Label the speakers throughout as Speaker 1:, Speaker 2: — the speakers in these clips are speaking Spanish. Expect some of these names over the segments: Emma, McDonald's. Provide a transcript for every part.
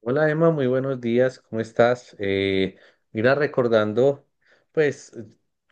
Speaker 1: Hola Emma, muy buenos días, ¿cómo estás? Mira, recordando, pues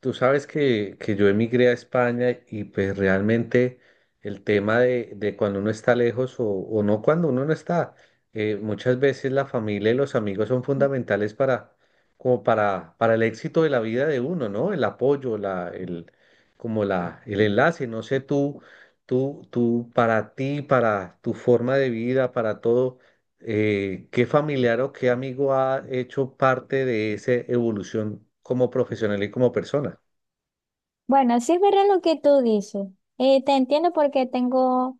Speaker 1: tú sabes que yo emigré a España, y pues realmente el tema de cuando uno está lejos, o no, cuando uno no está, muchas veces la familia y los amigos son fundamentales para, como para el éxito de la vida de uno, ¿no? El apoyo, la, el, como la, el enlace, no sé tú, para ti, para tu forma de vida, para todo. ¿Qué familiar o qué amigo ha hecho parte de esa evolución como profesional y como persona?
Speaker 2: Bueno, sí es verdad lo que tú dices. Te entiendo porque tengo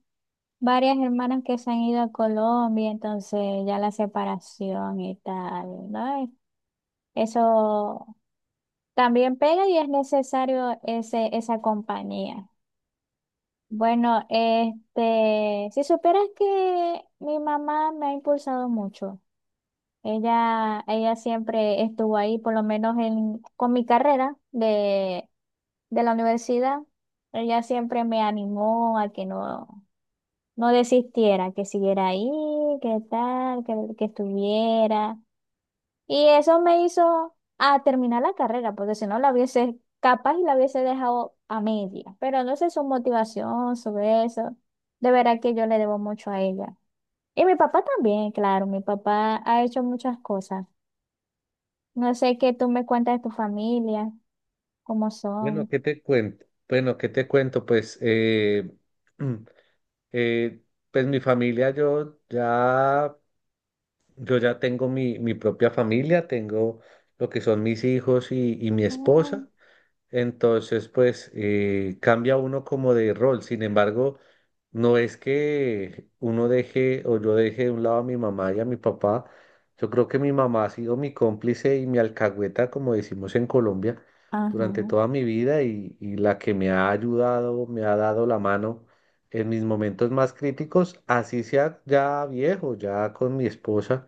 Speaker 2: varias hermanas que se han ido a Colombia, entonces ya la separación y tal, ¿no? Eso también pega y es necesario esa compañía. Bueno, si supieras que mi mamá me ha impulsado mucho. Ella siempre estuvo ahí, por lo menos con mi carrera de la universidad. Ella siempre me animó a que no, no desistiera, que siguiera ahí, que tal, que estuviera. Y eso me hizo a terminar la carrera, porque si no la hubiese, capaz y la hubiese dejado a media. Pero no sé su motivación sobre eso. De verdad que yo le debo mucho a ella. Y mi papá también, claro, mi papá ha hecho muchas cosas. No sé qué tú me cuentas de tu familia, cómo
Speaker 1: Bueno,
Speaker 2: son.
Speaker 1: ¿qué te cuento? Bueno, ¿qué te cuento? Pues, mm, eh, pues mi familia, yo ya tengo mi, mi propia familia, tengo lo que son mis hijos y mi
Speaker 2: Ah,
Speaker 1: esposa. Entonces, pues cambia uno como de rol. Sin embargo, no es que uno deje, o yo deje de un lado a mi mamá y a mi papá. Yo creo que mi mamá ha sido mi cómplice y mi alcahueta, como decimos en Colombia,
Speaker 2: ajá,
Speaker 1: durante toda mi vida, y la que me ha ayudado, me ha dado la mano en mis momentos más críticos, así sea ya viejo, ya con mi esposa,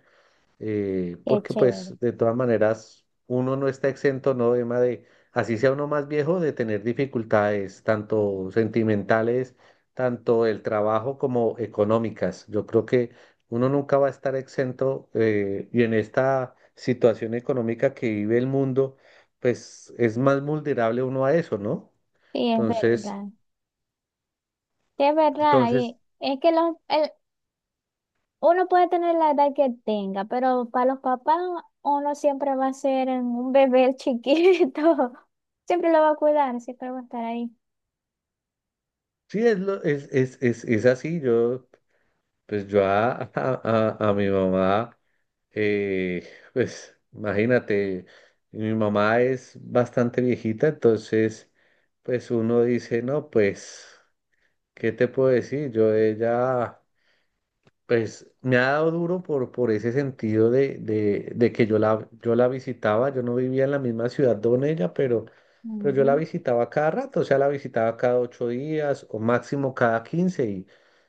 Speaker 2: qué
Speaker 1: porque
Speaker 2: chévere.
Speaker 1: pues de todas maneras uno no está exento, ¿no? Emma, de, así sea uno más viejo, de tener dificultades tanto sentimentales, tanto el trabajo como económicas. Yo creo que uno nunca va a estar exento, y en esta situación económica que vive el mundo, pues es más vulnerable uno a eso, ¿no?
Speaker 2: Sí, es
Speaker 1: Entonces,
Speaker 2: verdad. Sí, es verdad,
Speaker 1: entonces,
Speaker 2: y es que uno puede tener la edad que tenga, pero para los papás uno siempre va a ser un bebé chiquito. Siempre lo va a cuidar, siempre va a estar ahí.
Speaker 1: sí, es, lo- es así. Yo, pues yo a, a mi mamá. Pues imagínate, mi mamá es bastante viejita, entonces pues uno dice, no, pues, ¿qué te puedo decir? Yo de ella, pues me ha dado duro por ese sentido de que yo la, yo la visitaba, yo no vivía en la misma ciudad donde ella, pero yo la
Speaker 2: Ujú.
Speaker 1: visitaba cada rato, o sea, la visitaba cada ocho días o máximo cada quince,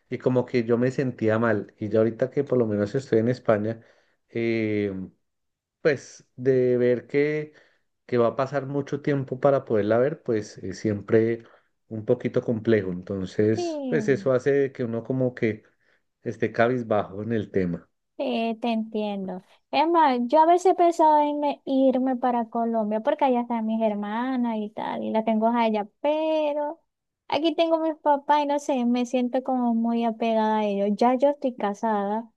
Speaker 1: y como que yo me sentía mal. Y ya ahorita que por lo menos estoy en España, eh, pues de ver que va a pasar mucho tiempo para poderla ver, pues es siempre un poquito complejo. Entonces, pues
Speaker 2: Sí.
Speaker 1: eso hace que uno como que esté cabizbajo en el tema.
Speaker 2: Sí, te entiendo. Es más, yo a veces he pensado en irme para Colombia porque allá están mis hermanas y tal, y las tengo a ellas, pero aquí tengo mis papás y no sé, me siento como muy apegada a ellos. Ya yo estoy casada,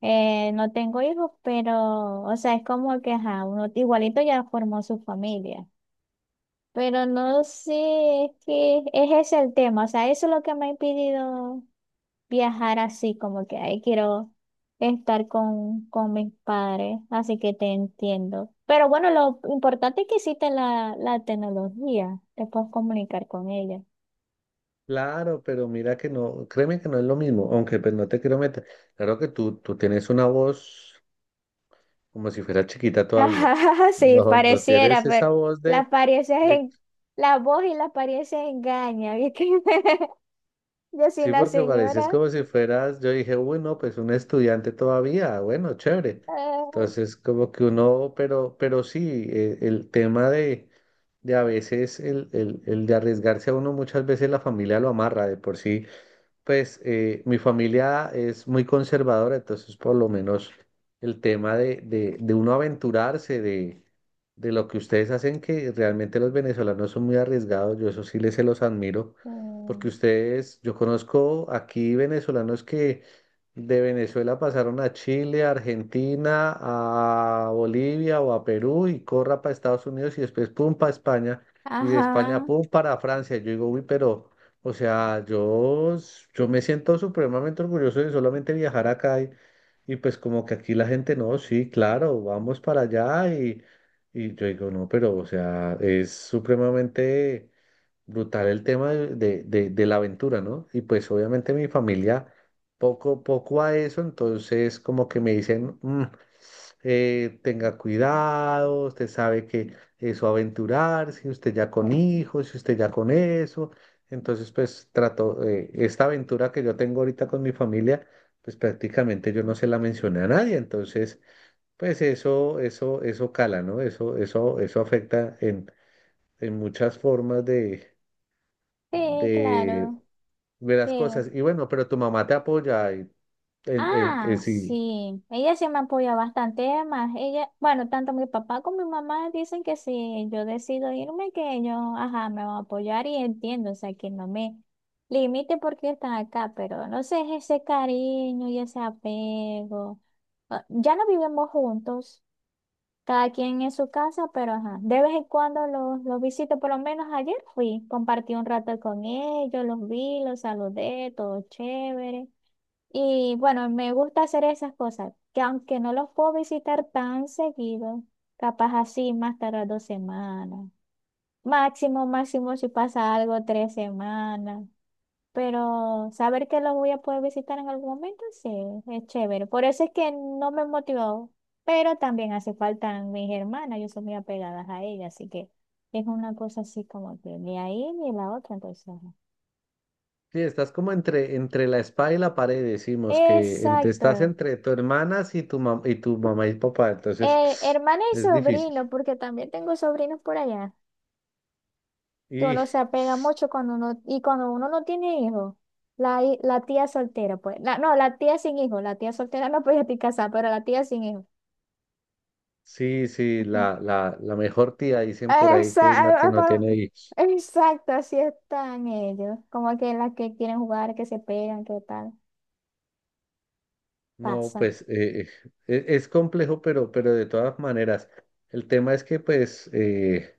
Speaker 2: no tengo hijos, pero, o sea, es como que, ajá, uno igualito ya formó su familia. Pero no sé, es que es ese es el tema, o sea, eso es lo que me ha impedido viajar así, como que ahí quiero estar con mis padres, así que te entiendo. Pero bueno, lo importante es que existe la tecnología, te puedes comunicar con ella.
Speaker 1: Claro, pero mira que no, créeme que no es lo mismo, aunque pues no te quiero meter. Claro que tú tienes una voz como si fuera chiquita todavía.
Speaker 2: Ajá, sí,
Speaker 1: No, no
Speaker 2: pareciera,
Speaker 1: tienes esa
Speaker 2: pero
Speaker 1: voz
Speaker 2: la
Speaker 1: de,
Speaker 2: apariencia
Speaker 1: de.
Speaker 2: en, la voz y la apariencia engaña, ¿viste? Yo soy
Speaker 1: Sí,
Speaker 2: una
Speaker 1: porque parecías
Speaker 2: señora.
Speaker 1: como si fueras, yo dije, uy, no, pues un estudiante todavía, bueno, chévere.
Speaker 2: Ah,
Speaker 1: Entonces, como que uno, pero sí, el tema de a veces, el de arriesgarse a uno, muchas veces la familia lo amarra de por sí. Pues mi familia es muy conservadora, entonces por lo menos el tema de uno aventurarse, de lo que ustedes hacen, que realmente los venezolanos son muy arriesgados, yo eso sí les se los admiro, porque
Speaker 2: mm,
Speaker 1: ustedes, yo conozco aquí venezolanos que de Venezuela pasaron a Chile, a Argentina, a Bolivia o a Perú, y corra para Estados Unidos, y después pum para España, y de España
Speaker 2: ajá,
Speaker 1: pum para Francia. Yo digo, uy, pero... O sea, yo, s- yo me siento supremamente orgulloso de solamente viajar acá, y pues como que aquí la gente, no, sí, claro, vamos para allá, y yo digo, no, pero o sea, es supremamente brutal el tema de la aventura, ¿no? Y pues obviamente mi familia poco, poco a eso, entonces como que me dicen, "Mm, tenga cuidado, usted sabe que eso aventurarse, usted ya con hijos, si usted ya con eso". Entonces, pues trato, esta aventura que yo tengo ahorita con mi familia, pues prácticamente yo no se la mencioné a nadie. Entonces, pues eso cala, ¿no? Eso afecta en muchas formas
Speaker 2: sí,
Speaker 1: de,
Speaker 2: claro,
Speaker 1: de
Speaker 2: sí.
Speaker 1: las cosas. Y bueno, pero tu mamá te apoya, y en-
Speaker 2: Ah,
Speaker 1: si.
Speaker 2: sí, ella sí me apoya bastante, además, ella, bueno, tanto mi papá como mi mamá dicen que si yo decido irme, que ellos, ajá, me van a apoyar y entiendo, o sea, que no me limite porque están acá, pero no sé, es ese cariño y ese apego. Ah, ya no vivimos juntos, cada quien en su casa, pero ajá, de vez en cuando los visito, por lo menos ayer fui, compartí un rato con ellos, los vi, los saludé, todo chévere. Y bueno, me gusta hacer esas cosas, que aunque no los puedo visitar tan seguido, capaz así más tarde dos semanas. Máximo, máximo si pasa algo, tres semanas. Pero saber que los voy a poder visitar en algún momento, sí, es chévere. Por eso es que no me motivó. Pero también hace falta mis hermanas, yo soy muy apegada a ellas, así que es una cosa así como que ni ahí ni la otra, entonces, ajá.
Speaker 1: Sí, estás como entre, entre la espada y la pared, decimos que entre, estás
Speaker 2: Exacto,
Speaker 1: entre tu hermana y tu, mam- y tu mamá y papá, entonces
Speaker 2: eh, hermana y
Speaker 1: es difícil.
Speaker 2: sobrino, porque también tengo sobrinos por allá, que
Speaker 1: Y
Speaker 2: uno se apega mucho cuando uno, y cuando uno no tiene hijos, la tía soltera, pues, no, la tía sin hijos, la tía soltera no podía estar casada, pero la tía sin hijos.
Speaker 1: sí, sí,
Speaker 2: Ujú.
Speaker 1: la mejor tía, dicen por ahí que es la
Speaker 2: Esa-
Speaker 1: que
Speaker 2: ah,
Speaker 1: no
Speaker 2: pa-
Speaker 1: tiene hijos.
Speaker 2: exacto, así están ellos, como que las que quieren jugar, que se pegan, que tal,
Speaker 1: No,
Speaker 2: pasa,
Speaker 1: pues e- es, complejo, pero de todas maneras, el tema es que pues...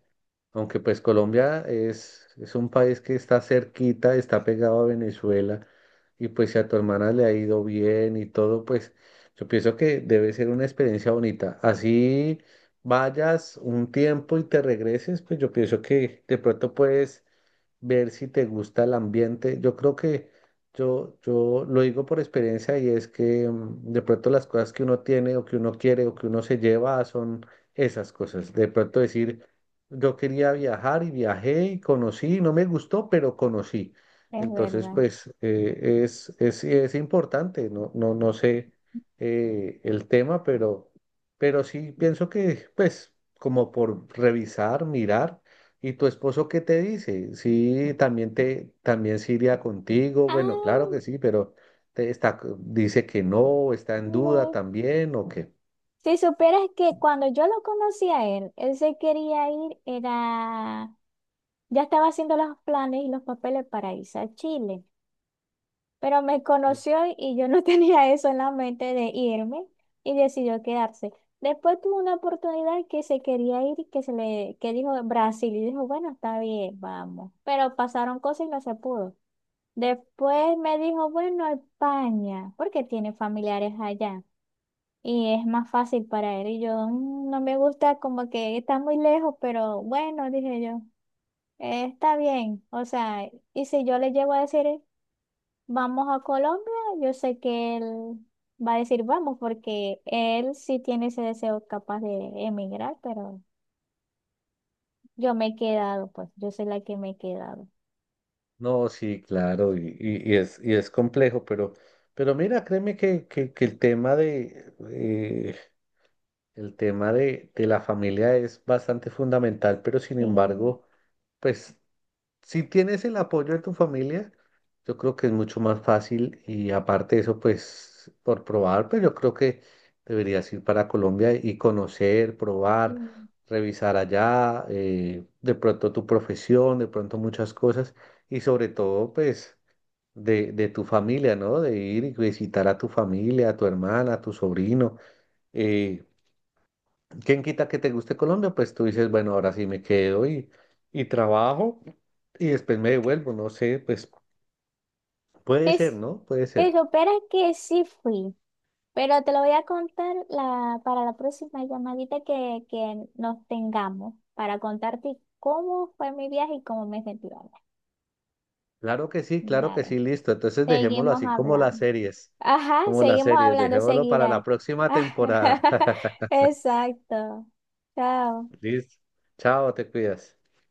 Speaker 1: Aunque pues Colombia es un país que está cerquita, está pegado a Venezuela, y pues si a tu hermana le ha ido bien y todo, pues yo pienso que debe ser una experiencia bonita. Así vayas un tiempo y te regreses, pues yo pienso que de pronto puedes ver si te gusta el ambiente. Yo creo que yo lo digo por experiencia, y es que de pronto las cosas que uno tiene, o que uno quiere, o que uno se lleva son esas cosas. De pronto decir, yo quería viajar y viajé y conocí, no me gustó, pero conocí.
Speaker 2: es
Speaker 1: Entonces,
Speaker 2: verdad.
Speaker 1: pues es importante, no, no, no sé, el tema, pero sí pienso que, pues, como por revisar, mirar. ¿Y tu esposo qué te dice? Sí, también te, también se iría contigo. Bueno, claro
Speaker 2: Ah,
Speaker 1: que sí, pero te está, dice que no, está en duda
Speaker 2: no.
Speaker 1: también, o que
Speaker 2: Si supieras que cuando yo lo conocí a él, él se quería ir, era. Ya estaba haciendo los planes y los papeles para irse a Chile, pero me conoció y yo no tenía eso en la mente de irme y decidió quedarse. Después tuvo una oportunidad que se quería ir y que se le que dijo Brasil y dijo, bueno, está bien, vamos. Pero pasaron cosas y no se pudo. Después me dijo, bueno, España, porque tiene familiares allá y es más fácil para él. Y yo "Mm, no me gusta como que está muy lejos, pero bueno, dije yo. Está bien, o sea, y si yo le llego a decir vamos a Colombia, yo sé que él va a decir vamos, porque él sí tiene ese deseo capaz de emigrar, pero yo me he quedado, pues yo soy la que me he quedado.
Speaker 1: no, sí, claro, y es complejo, pero mira, créeme que el tema de la familia es bastante fundamental, pero sin
Speaker 2: Sí, mm.
Speaker 1: embargo, pues si tienes el apoyo de tu familia, yo creo que es mucho más fácil, y aparte de eso, pues por probar, pero yo creo que deberías ir para Colombia y conocer, probar, revisar allá, de pronto tu profesión, de pronto muchas cosas, y sobre todo, pues de tu familia, ¿no? De ir y visitar a tu familia, a tu hermana, a tu sobrino. eh, ¿Quién quita que te guste Colombia? Pues tú dices, bueno, ahora sí me quedo, y trabajo, y después me devuelvo, no sé, pues
Speaker 2: sí,
Speaker 1: puede ser,
Speaker 2: s-
Speaker 1: ¿no? Puede
Speaker 2: sí,
Speaker 1: ser.
Speaker 2: supieras que sí fui, pero te lo voy a contar para la próxima llamadita que nos tengamos, para contarte cómo fue mi viaje y cómo me sentí ahora.
Speaker 1: Claro que
Speaker 2: Dale,
Speaker 1: sí, listo. Entonces dejémoslo
Speaker 2: seguimos
Speaker 1: así
Speaker 2: hablando. Ajá,
Speaker 1: como las
Speaker 2: seguimos
Speaker 1: series,
Speaker 2: hablando,
Speaker 1: dejémoslo para la
Speaker 2: seguirá.
Speaker 1: próxima temporada.
Speaker 2: Exacto. Chao.
Speaker 1: Listo. Chao, te cuidas.